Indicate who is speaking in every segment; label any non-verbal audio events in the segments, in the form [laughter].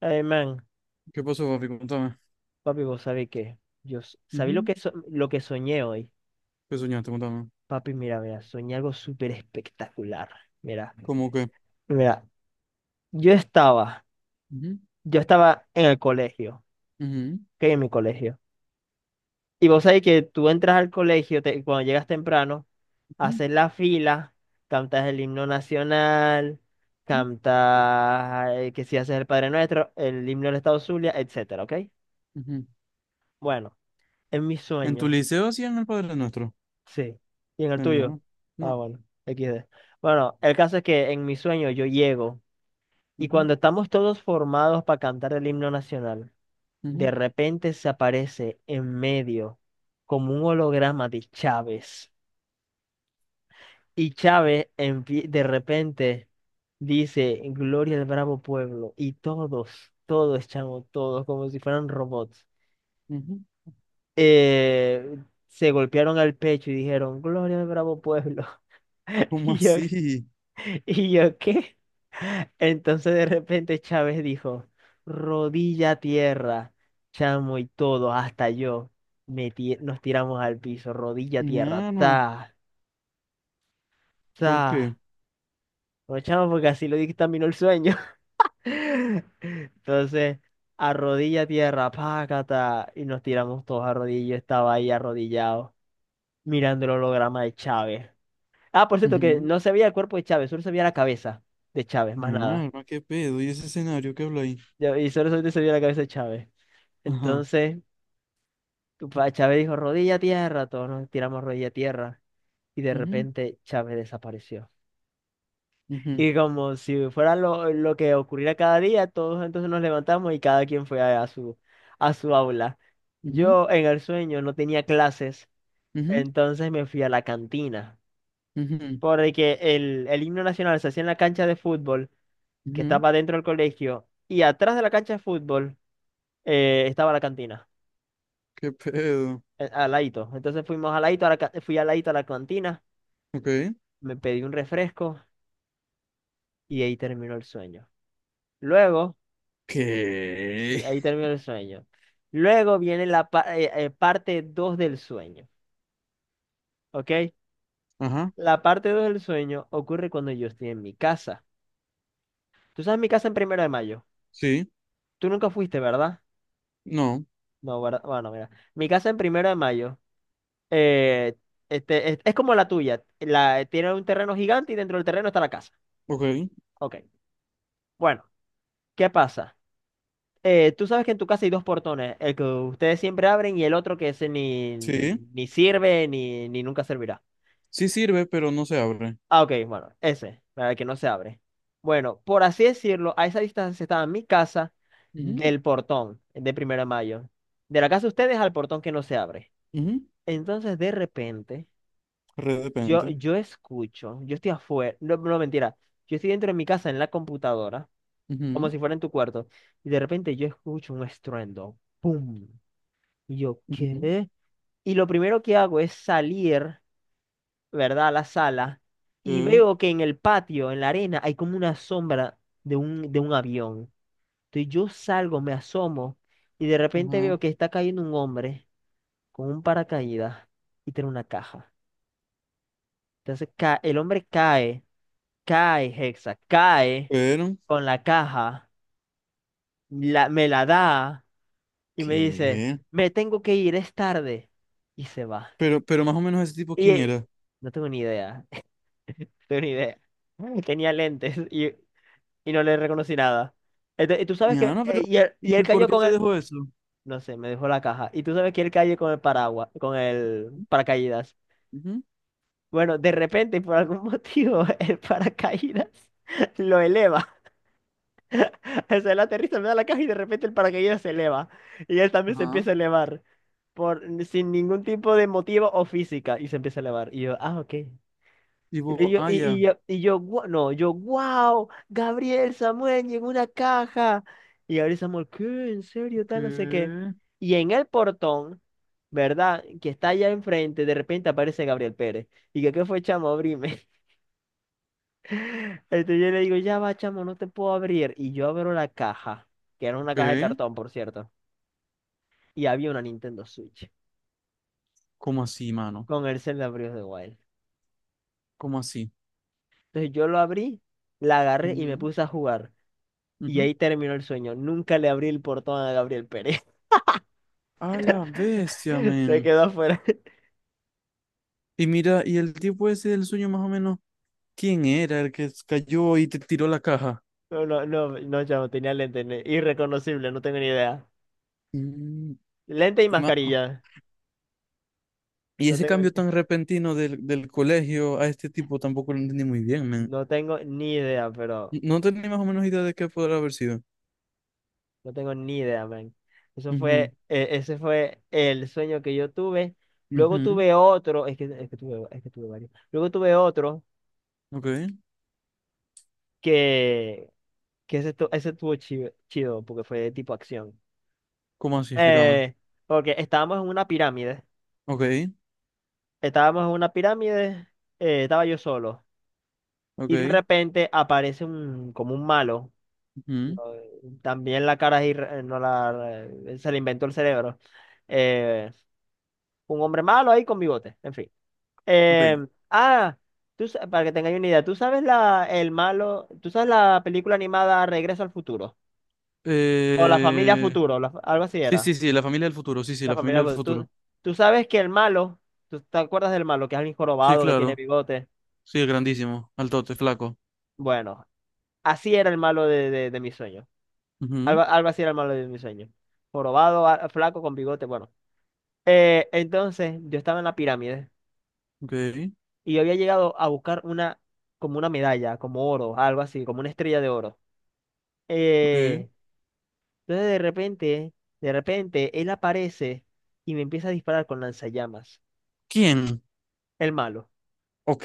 Speaker 1: Ay, man,
Speaker 2: ¿Qué pasó, papi? Contame.
Speaker 1: papi, vos sabés que yo sabí
Speaker 2: Ujú.
Speaker 1: lo que soñé hoy.
Speaker 2: ¿Qué soñaste? Contame.
Speaker 1: Papi, mira, mira, soñé algo súper espectacular. Mira,
Speaker 2: ¿Cómo qué?
Speaker 1: mira, yo estaba,
Speaker 2: Ujú,
Speaker 1: yo estaba en el colegio,
Speaker 2: ujú,
Speaker 1: ok, en mi colegio. Y vos sabés que tú entras al colegio cuando llegas temprano,
Speaker 2: ujú,
Speaker 1: haces la fila, cantas el himno nacional,
Speaker 2: ujú,
Speaker 1: cantas que si haces el Padre Nuestro, el himno del Estado Zulia, etcétera, ¿ok?
Speaker 2: ujú.
Speaker 1: Bueno, en mi
Speaker 2: ¿En tu
Speaker 1: sueño.
Speaker 2: liceo hacían el Padre Nuestro?
Speaker 1: Sí. ¿Y en el
Speaker 2: En el mío,
Speaker 1: tuyo?
Speaker 2: ¿no?
Speaker 1: Ah,
Speaker 2: No.
Speaker 1: bueno, XD. Bueno, el caso es que en mi sueño yo llego y
Speaker 2: Ujú,
Speaker 1: cuando estamos todos formados para cantar el himno nacional,
Speaker 2: ujú,
Speaker 1: de repente se aparece en medio como un holograma de Chávez. Y Chávez de repente dice, Gloria al bravo pueblo. Y todos, todos, chamo, todos, como si fueran robots,
Speaker 2: ujú.
Speaker 1: eh, se golpearon al pecho y dijeron, Gloria al bravo pueblo. [laughs]
Speaker 2: ¿Cómo
Speaker 1: Y yo,
Speaker 2: así?
Speaker 1: [laughs] ¿y yo qué? Entonces de repente Chávez dijo, rodilla a tierra, chamo y todo, hasta yo, nos tiramos al piso, rodilla a tierra,
Speaker 2: Mi,
Speaker 1: ta,
Speaker 2: ¿por
Speaker 1: ta.
Speaker 2: qué?
Speaker 1: No, chamo, porque así lo dictaminó el sueño. [laughs] Entonces, a rodilla a tierra, pácata, y nos tiramos todos a rodillas, yo estaba ahí arrodillado, mirando el holograma de Chávez. Ah, por cierto, que
Speaker 2: Ujú.
Speaker 1: no se veía el cuerpo de Chávez, solo se veía la cabeza de Chávez, más nada.
Speaker 2: Mi, ¿qué pedo? ¿Y ese escenario que habla ahí?
Speaker 1: Y solo solamente se vio la cabeza de Chávez.
Speaker 2: Ajá.
Speaker 1: Entonces, Chávez dijo, rodilla a tierra, todos nos tiramos rodilla a tierra. Y de
Speaker 2: Ujú,
Speaker 1: repente Chávez desapareció.
Speaker 2: ujú,
Speaker 1: Y como si fuera lo que ocurriera cada día, todos entonces nos levantamos y cada quien fue a su aula.
Speaker 2: ujú,
Speaker 1: Yo en el sueño no tenía clases, entonces me fui a la cantina.
Speaker 2: ujú, ujú,
Speaker 1: Porque el himno nacional se hacía en la cancha de fútbol, que
Speaker 2: ujú.
Speaker 1: estaba dentro del colegio, y atrás de la cancha de fútbol estaba la cantina.
Speaker 2: ¿Qué pedo?
Speaker 1: A Laito. Entonces fuimos a Laito, a la fui a Laito a la cantina,
Speaker 2: Ok.
Speaker 1: me pedí un refresco y ahí terminó el sueño. Luego, sí,
Speaker 2: ¿Qué?
Speaker 1: ahí terminó el sueño. Luego viene la parte 2 del sueño, ¿ok?
Speaker 2: Ajá.
Speaker 1: La parte 2 del sueño ocurre cuando yo estoy en mi casa. Tú sabes mi casa en Primero de Mayo.
Speaker 2: Sí.
Speaker 1: Tú nunca fuiste, ¿verdad?
Speaker 2: No.
Speaker 1: No, ¿verdad? Bueno, mira. Mi casa en Primero de Mayo eh, es como la tuya. La, tiene un terreno gigante y dentro del terreno está la casa.
Speaker 2: Ok.
Speaker 1: Ok. Bueno, ¿qué pasa? Tú sabes que en tu casa hay dos portones, el que ustedes siempre abren y el otro que ese ni,
Speaker 2: Sí.
Speaker 1: ni sirve ni nunca servirá.
Speaker 2: Sí sirve, pero no se abre.
Speaker 1: Ah, ok, bueno, ese, para el que no se abre. Bueno, por así decirlo, a esa distancia estaba mi casa
Speaker 2: Ujú,
Speaker 1: del portón de Primero de Mayo. De la casa de ustedes al portón que no se abre.
Speaker 2: ujú.
Speaker 1: Entonces, de repente,
Speaker 2: Re
Speaker 1: yo,
Speaker 2: depende.
Speaker 1: yo escucho, yo estoy afuera, no, no mentira, yo estoy dentro de mi casa en la computadora, como
Speaker 2: Ujú,
Speaker 1: si fuera en tu cuarto, y de repente yo escucho un estruendo, ¡pum! Y yo,
Speaker 2: ujú.
Speaker 1: ¿qué? Y lo primero que hago es salir, ¿verdad? A la sala y
Speaker 2: Ok.
Speaker 1: veo que en el patio, en la arena, hay como una sombra de un avión. Entonces yo salgo, me asomo y de repente
Speaker 2: Ajá.
Speaker 1: veo que está cayendo un hombre con un paracaídas y tiene una caja. Entonces el hombre cae, cae, Hexa, cae
Speaker 2: Pero,
Speaker 1: con la caja, me la da y me dice,
Speaker 2: ¿qué?
Speaker 1: me tengo que ir, es tarde. Y se va.
Speaker 2: Pero más o menos ese tipo,
Speaker 1: Y
Speaker 2: ¿quién
Speaker 1: eh,
Speaker 2: era?
Speaker 1: no tengo ni idea. [laughs] Tenía lentes y no le reconocí nada. Y tú sabes
Speaker 2: Ya,
Speaker 1: que.
Speaker 2: no,
Speaker 1: eh,
Speaker 2: pero,
Speaker 1: y, él,
Speaker 2: ¿y
Speaker 1: y él
Speaker 2: el por
Speaker 1: cayó
Speaker 2: qué
Speaker 1: con
Speaker 2: te
Speaker 1: el.
Speaker 2: dejó eso?
Speaker 1: No sé, me dejó la caja. Y tú sabes que él cayó con el paraguas, con el paracaídas.
Speaker 2: Ujú.
Speaker 1: Bueno, de repente, por algún motivo, [laughs] el paracaídas lo eleva. [laughs] O sea, él aterriza, me da la caja y de repente el paracaídas se eleva. Y él también se
Speaker 2: Ajá.
Speaker 1: empieza a elevar. Por, sin ningún tipo de motivo o física. Y se empieza a elevar. Y yo, ah, ok. Y
Speaker 2: Tipo,
Speaker 1: yo,
Speaker 2: ah,
Speaker 1: y, y
Speaker 2: ya.
Speaker 1: yo, y yo, no, yo, wow, Gabriel Samuel llegó una caja. Y Gabriel Samuel, ¿qué? ¿En serio? Tal, no sé qué.
Speaker 2: ¿Qué?
Speaker 1: Y en el portón, ¿verdad? Que está allá enfrente, de repente aparece Gabriel Pérez. Y que, ¿qué fue, chamo? Abrime. [laughs] Entonces yo le digo, ya va, chamo, no te puedo abrir. Y yo abro la caja, que era una
Speaker 2: Ok.
Speaker 1: caja de cartón, por cierto. Y había una Nintendo Switch
Speaker 2: ¿Cómo así, mano?
Speaker 1: con el Zelda Breath of the Wild.
Speaker 2: ¿Cómo así?
Speaker 1: Entonces yo lo abrí, la agarré y me
Speaker 2: Ujú.
Speaker 1: puse a jugar. Y
Speaker 2: Ujú.
Speaker 1: ahí terminó el sueño. Nunca le abrí el portón a Gabriel Pérez.
Speaker 2: A la bestia,
Speaker 1: [laughs] Se
Speaker 2: men.
Speaker 1: quedó afuera. [laughs]
Speaker 2: Y mira, y el tipo ese del sueño, más o menos, ¿quién era el que cayó y te tiró la caja?
Speaker 1: No, no, no, no, chamo, tenía lente. Irreconocible, no tengo ni idea.
Speaker 2: Mm.
Speaker 1: Lente y
Speaker 2: Y más.
Speaker 1: mascarilla.
Speaker 2: Y
Speaker 1: No
Speaker 2: ese
Speaker 1: tengo, ni-
Speaker 2: cambio tan repentino del colegio a este tipo tampoco lo entendí muy bien, man.
Speaker 1: no tengo ni idea, pero
Speaker 2: No tenía más o menos idea de qué podrá haber sido.
Speaker 1: no tengo ni idea, man. Eso
Speaker 2: Ujú,
Speaker 1: fue, ese fue el sueño que yo tuve. Luego
Speaker 2: ujú.
Speaker 1: tuve otro, es que tuve varios. Luego tuve otro
Speaker 2: Ok.
Speaker 1: que, que ese, ese estuvo chido, chido, porque fue de tipo acción.
Speaker 2: ¿Cómo así? Explícame.
Speaker 1: Eh, porque estábamos en una pirámide.
Speaker 2: Ok,
Speaker 1: Estábamos en una pirámide, estaba yo solo.
Speaker 2: ok,
Speaker 1: Y de repente aparece un, como un malo. No,
Speaker 2: ujú,
Speaker 1: también la cara ahí, no la, se le inventó el cerebro. Eh, un hombre malo ahí con bigote, en fin.
Speaker 2: ok.
Speaker 1: Eh, ah, Tú para que tengáis una idea, ¿tú sabes el malo, tú sabes la película animada Regreso al Futuro? O La Familia
Speaker 2: Eh,
Speaker 1: Futuro, algo así
Speaker 2: Sí, sí,
Speaker 1: era.
Speaker 2: sí, la familia del futuro. Sí, sí,
Speaker 1: La
Speaker 2: la familia
Speaker 1: Familia
Speaker 2: del
Speaker 1: Futuro.
Speaker 2: futuro.
Speaker 1: Tú sabes que el malo, ¿tú te acuerdas del malo? Que es alguien
Speaker 2: Sí,
Speaker 1: jorobado, que tiene
Speaker 2: claro.
Speaker 1: bigote.
Speaker 2: Sí, grandísimo. Altote, flaco.
Speaker 1: Bueno, así era el malo de mi sueño.
Speaker 2: Ujú,
Speaker 1: Algo, algo así era el malo de mi sueño. Jorobado, flaco, con bigote, bueno. Entonces, yo estaba en la pirámide
Speaker 2: ok,
Speaker 1: y yo había llegado a buscar una, como una medalla, como oro, algo así, como una estrella de oro.
Speaker 2: ok.
Speaker 1: Eh, entonces, de repente, él aparece y me empieza a disparar con lanzallamas,
Speaker 2: ¿Quién?
Speaker 1: el malo.
Speaker 2: Ok.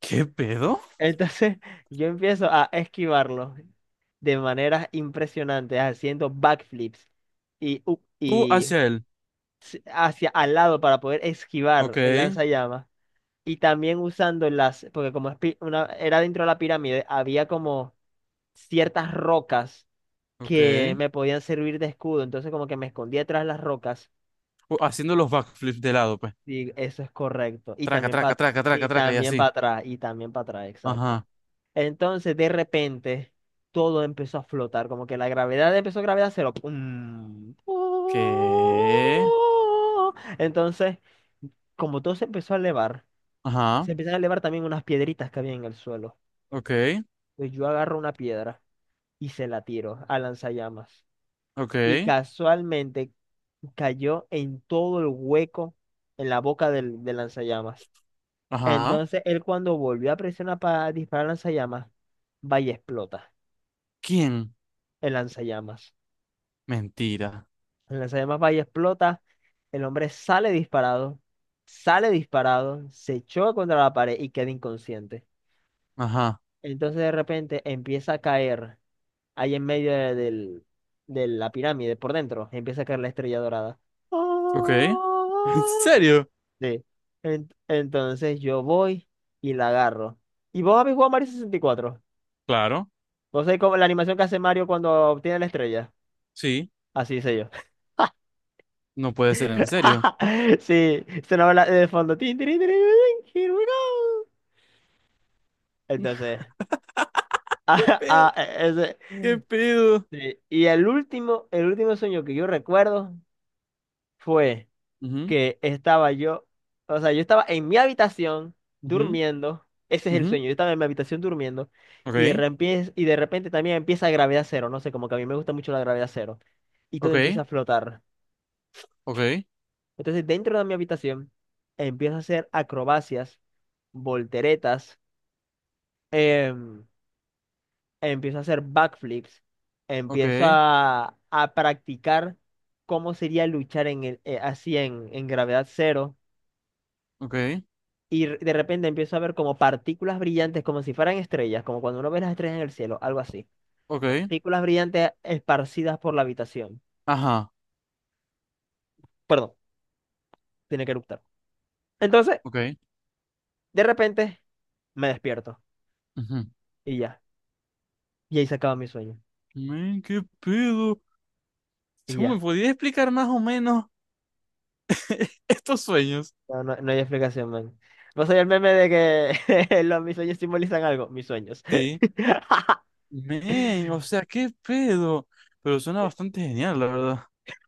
Speaker 2: ¿Qué pedo?
Speaker 1: Entonces, [laughs] yo empiezo a esquivarlo de maneras impresionantes, haciendo backflips
Speaker 2: Tú
Speaker 1: y
Speaker 2: hacia él.
Speaker 1: hacia al lado para poder
Speaker 2: Ok,
Speaker 1: esquivar el lanzallamas y también usando las, porque como es era dentro de la pirámide, había como ciertas rocas
Speaker 2: ok.
Speaker 1: que me podían servir de escudo, entonces como que me escondía tras las rocas
Speaker 2: O- Haciendo los backflips de lado, pues.
Speaker 1: y eso es correcto,
Speaker 2: Traca, traca, traca,
Speaker 1: y
Speaker 2: traca, traca, y
Speaker 1: también para
Speaker 2: así.
Speaker 1: atrás, y también para atrás, exacto.
Speaker 2: Ajá.
Speaker 1: Entonces de repente todo empezó a flotar, como que la gravedad empezó gravedad cero. ¡Pum!
Speaker 2: ¿Qué?
Speaker 1: ¡Oh! Entonces, como todo se empezó a elevar,
Speaker 2: Ajá.
Speaker 1: se empiezan a elevar también unas piedritas que había en el suelo.
Speaker 2: Ok,
Speaker 1: Pues yo agarro una piedra y se la tiro a lanzallamas. Y
Speaker 2: ok.
Speaker 1: casualmente cayó en todo el hueco en la boca del lanzallamas.
Speaker 2: Ajá.
Speaker 1: Entonces él cuando volvió a presionar para disparar lanzallamas, va y explota
Speaker 2: ¿Quién?
Speaker 1: el lanzallamas.
Speaker 2: Mentira.
Speaker 1: El lanzallamas va y explota, el hombre sale disparado, se choca contra la pared y queda inconsciente.
Speaker 2: Ajá.
Speaker 1: Entonces de repente empieza a caer ahí en medio de la pirámide, por dentro, empieza a caer la estrella dorada.
Speaker 2: Ok. [laughs] ¿En
Speaker 1: ¡Ah!
Speaker 2: serio?
Speaker 1: Sí. Entonces yo voy y la agarro. ¿Y vos habéis jugado Mario 64?
Speaker 2: Claro.
Speaker 1: ¿Vos sabés cómo la animación que hace Mario cuando obtiene la estrella?
Speaker 2: Sí.
Speaker 1: Así hice yo. [laughs]
Speaker 2: No puede ser en serio.
Speaker 1: Sí, sonaba la de fondo. Tin, tirin, tirin, tirin, here we go. Entonces, [laughs]
Speaker 2: ¿Qué
Speaker 1: ah, ah,
Speaker 2: pedo?
Speaker 1: e, ese-
Speaker 2: ¿Qué pedo?
Speaker 1: sí. Y el último sueño que yo recuerdo fue.
Speaker 2: Ujú,
Speaker 1: Que estaba yo, o sea, yo estaba en mi habitación
Speaker 2: ujú,
Speaker 1: durmiendo, ese es el
Speaker 2: ujú.
Speaker 1: sueño, yo estaba en mi habitación durmiendo
Speaker 2: Ok,
Speaker 1: y de repente también empieza gravedad cero, no sé, como que a mí me gusta mucho la gravedad cero y todo
Speaker 2: ok,
Speaker 1: empieza a flotar.
Speaker 2: ok,
Speaker 1: Entonces, dentro de mi habitación empiezo a hacer acrobacias, volteretas, em, empiezo a hacer backflips, empiezo
Speaker 2: ok,
Speaker 1: a practicar cómo sería luchar en así en gravedad cero
Speaker 2: ok,
Speaker 1: y de repente empiezo a ver como partículas brillantes, como si fueran estrellas, como cuando uno ve las estrellas en el cielo, algo así.
Speaker 2: ok.
Speaker 1: Partículas brillantes esparcidas por la habitación.
Speaker 2: Ajá.
Speaker 1: Perdón, tiene que eructar. Entonces,
Speaker 2: Ok.
Speaker 1: de repente, me despierto
Speaker 2: Ujú.
Speaker 1: y ya. Y ahí se acaba mi sueño.
Speaker 2: Men, ¿qué pedo?
Speaker 1: Y
Speaker 2: ¿Cómo me
Speaker 1: ya.
Speaker 2: podías explicar más o menos [laughs] estos sueños?
Speaker 1: No, no, no hay explicación, man. ¿Vos soy el meme de que [laughs] los, mis sueños simbolizan algo? Mis sueños.
Speaker 2: Sí.
Speaker 1: [laughs]
Speaker 2: Men, o sea, qué pedo. Pero suena bastante genial, la verdad. O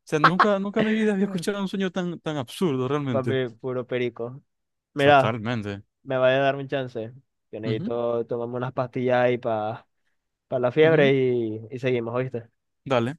Speaker 2: sea, nunca, nunca en mi vida había escuchado un sueño tan, tan absurdo, realmente.
Speaker 1: Papi, puro perico. Mira,
Speaker 2: Totalmente.
Speaker 1: me vaya a dar un chance. Yo
Speaker 2: Ujú,
Speaker 1: necesito tomarme unas pastillas ahí para la fiebre
Speaker 2: ujú.
Speaker 1: y seguimos, ¿oíste?
Speaker 2: Dale.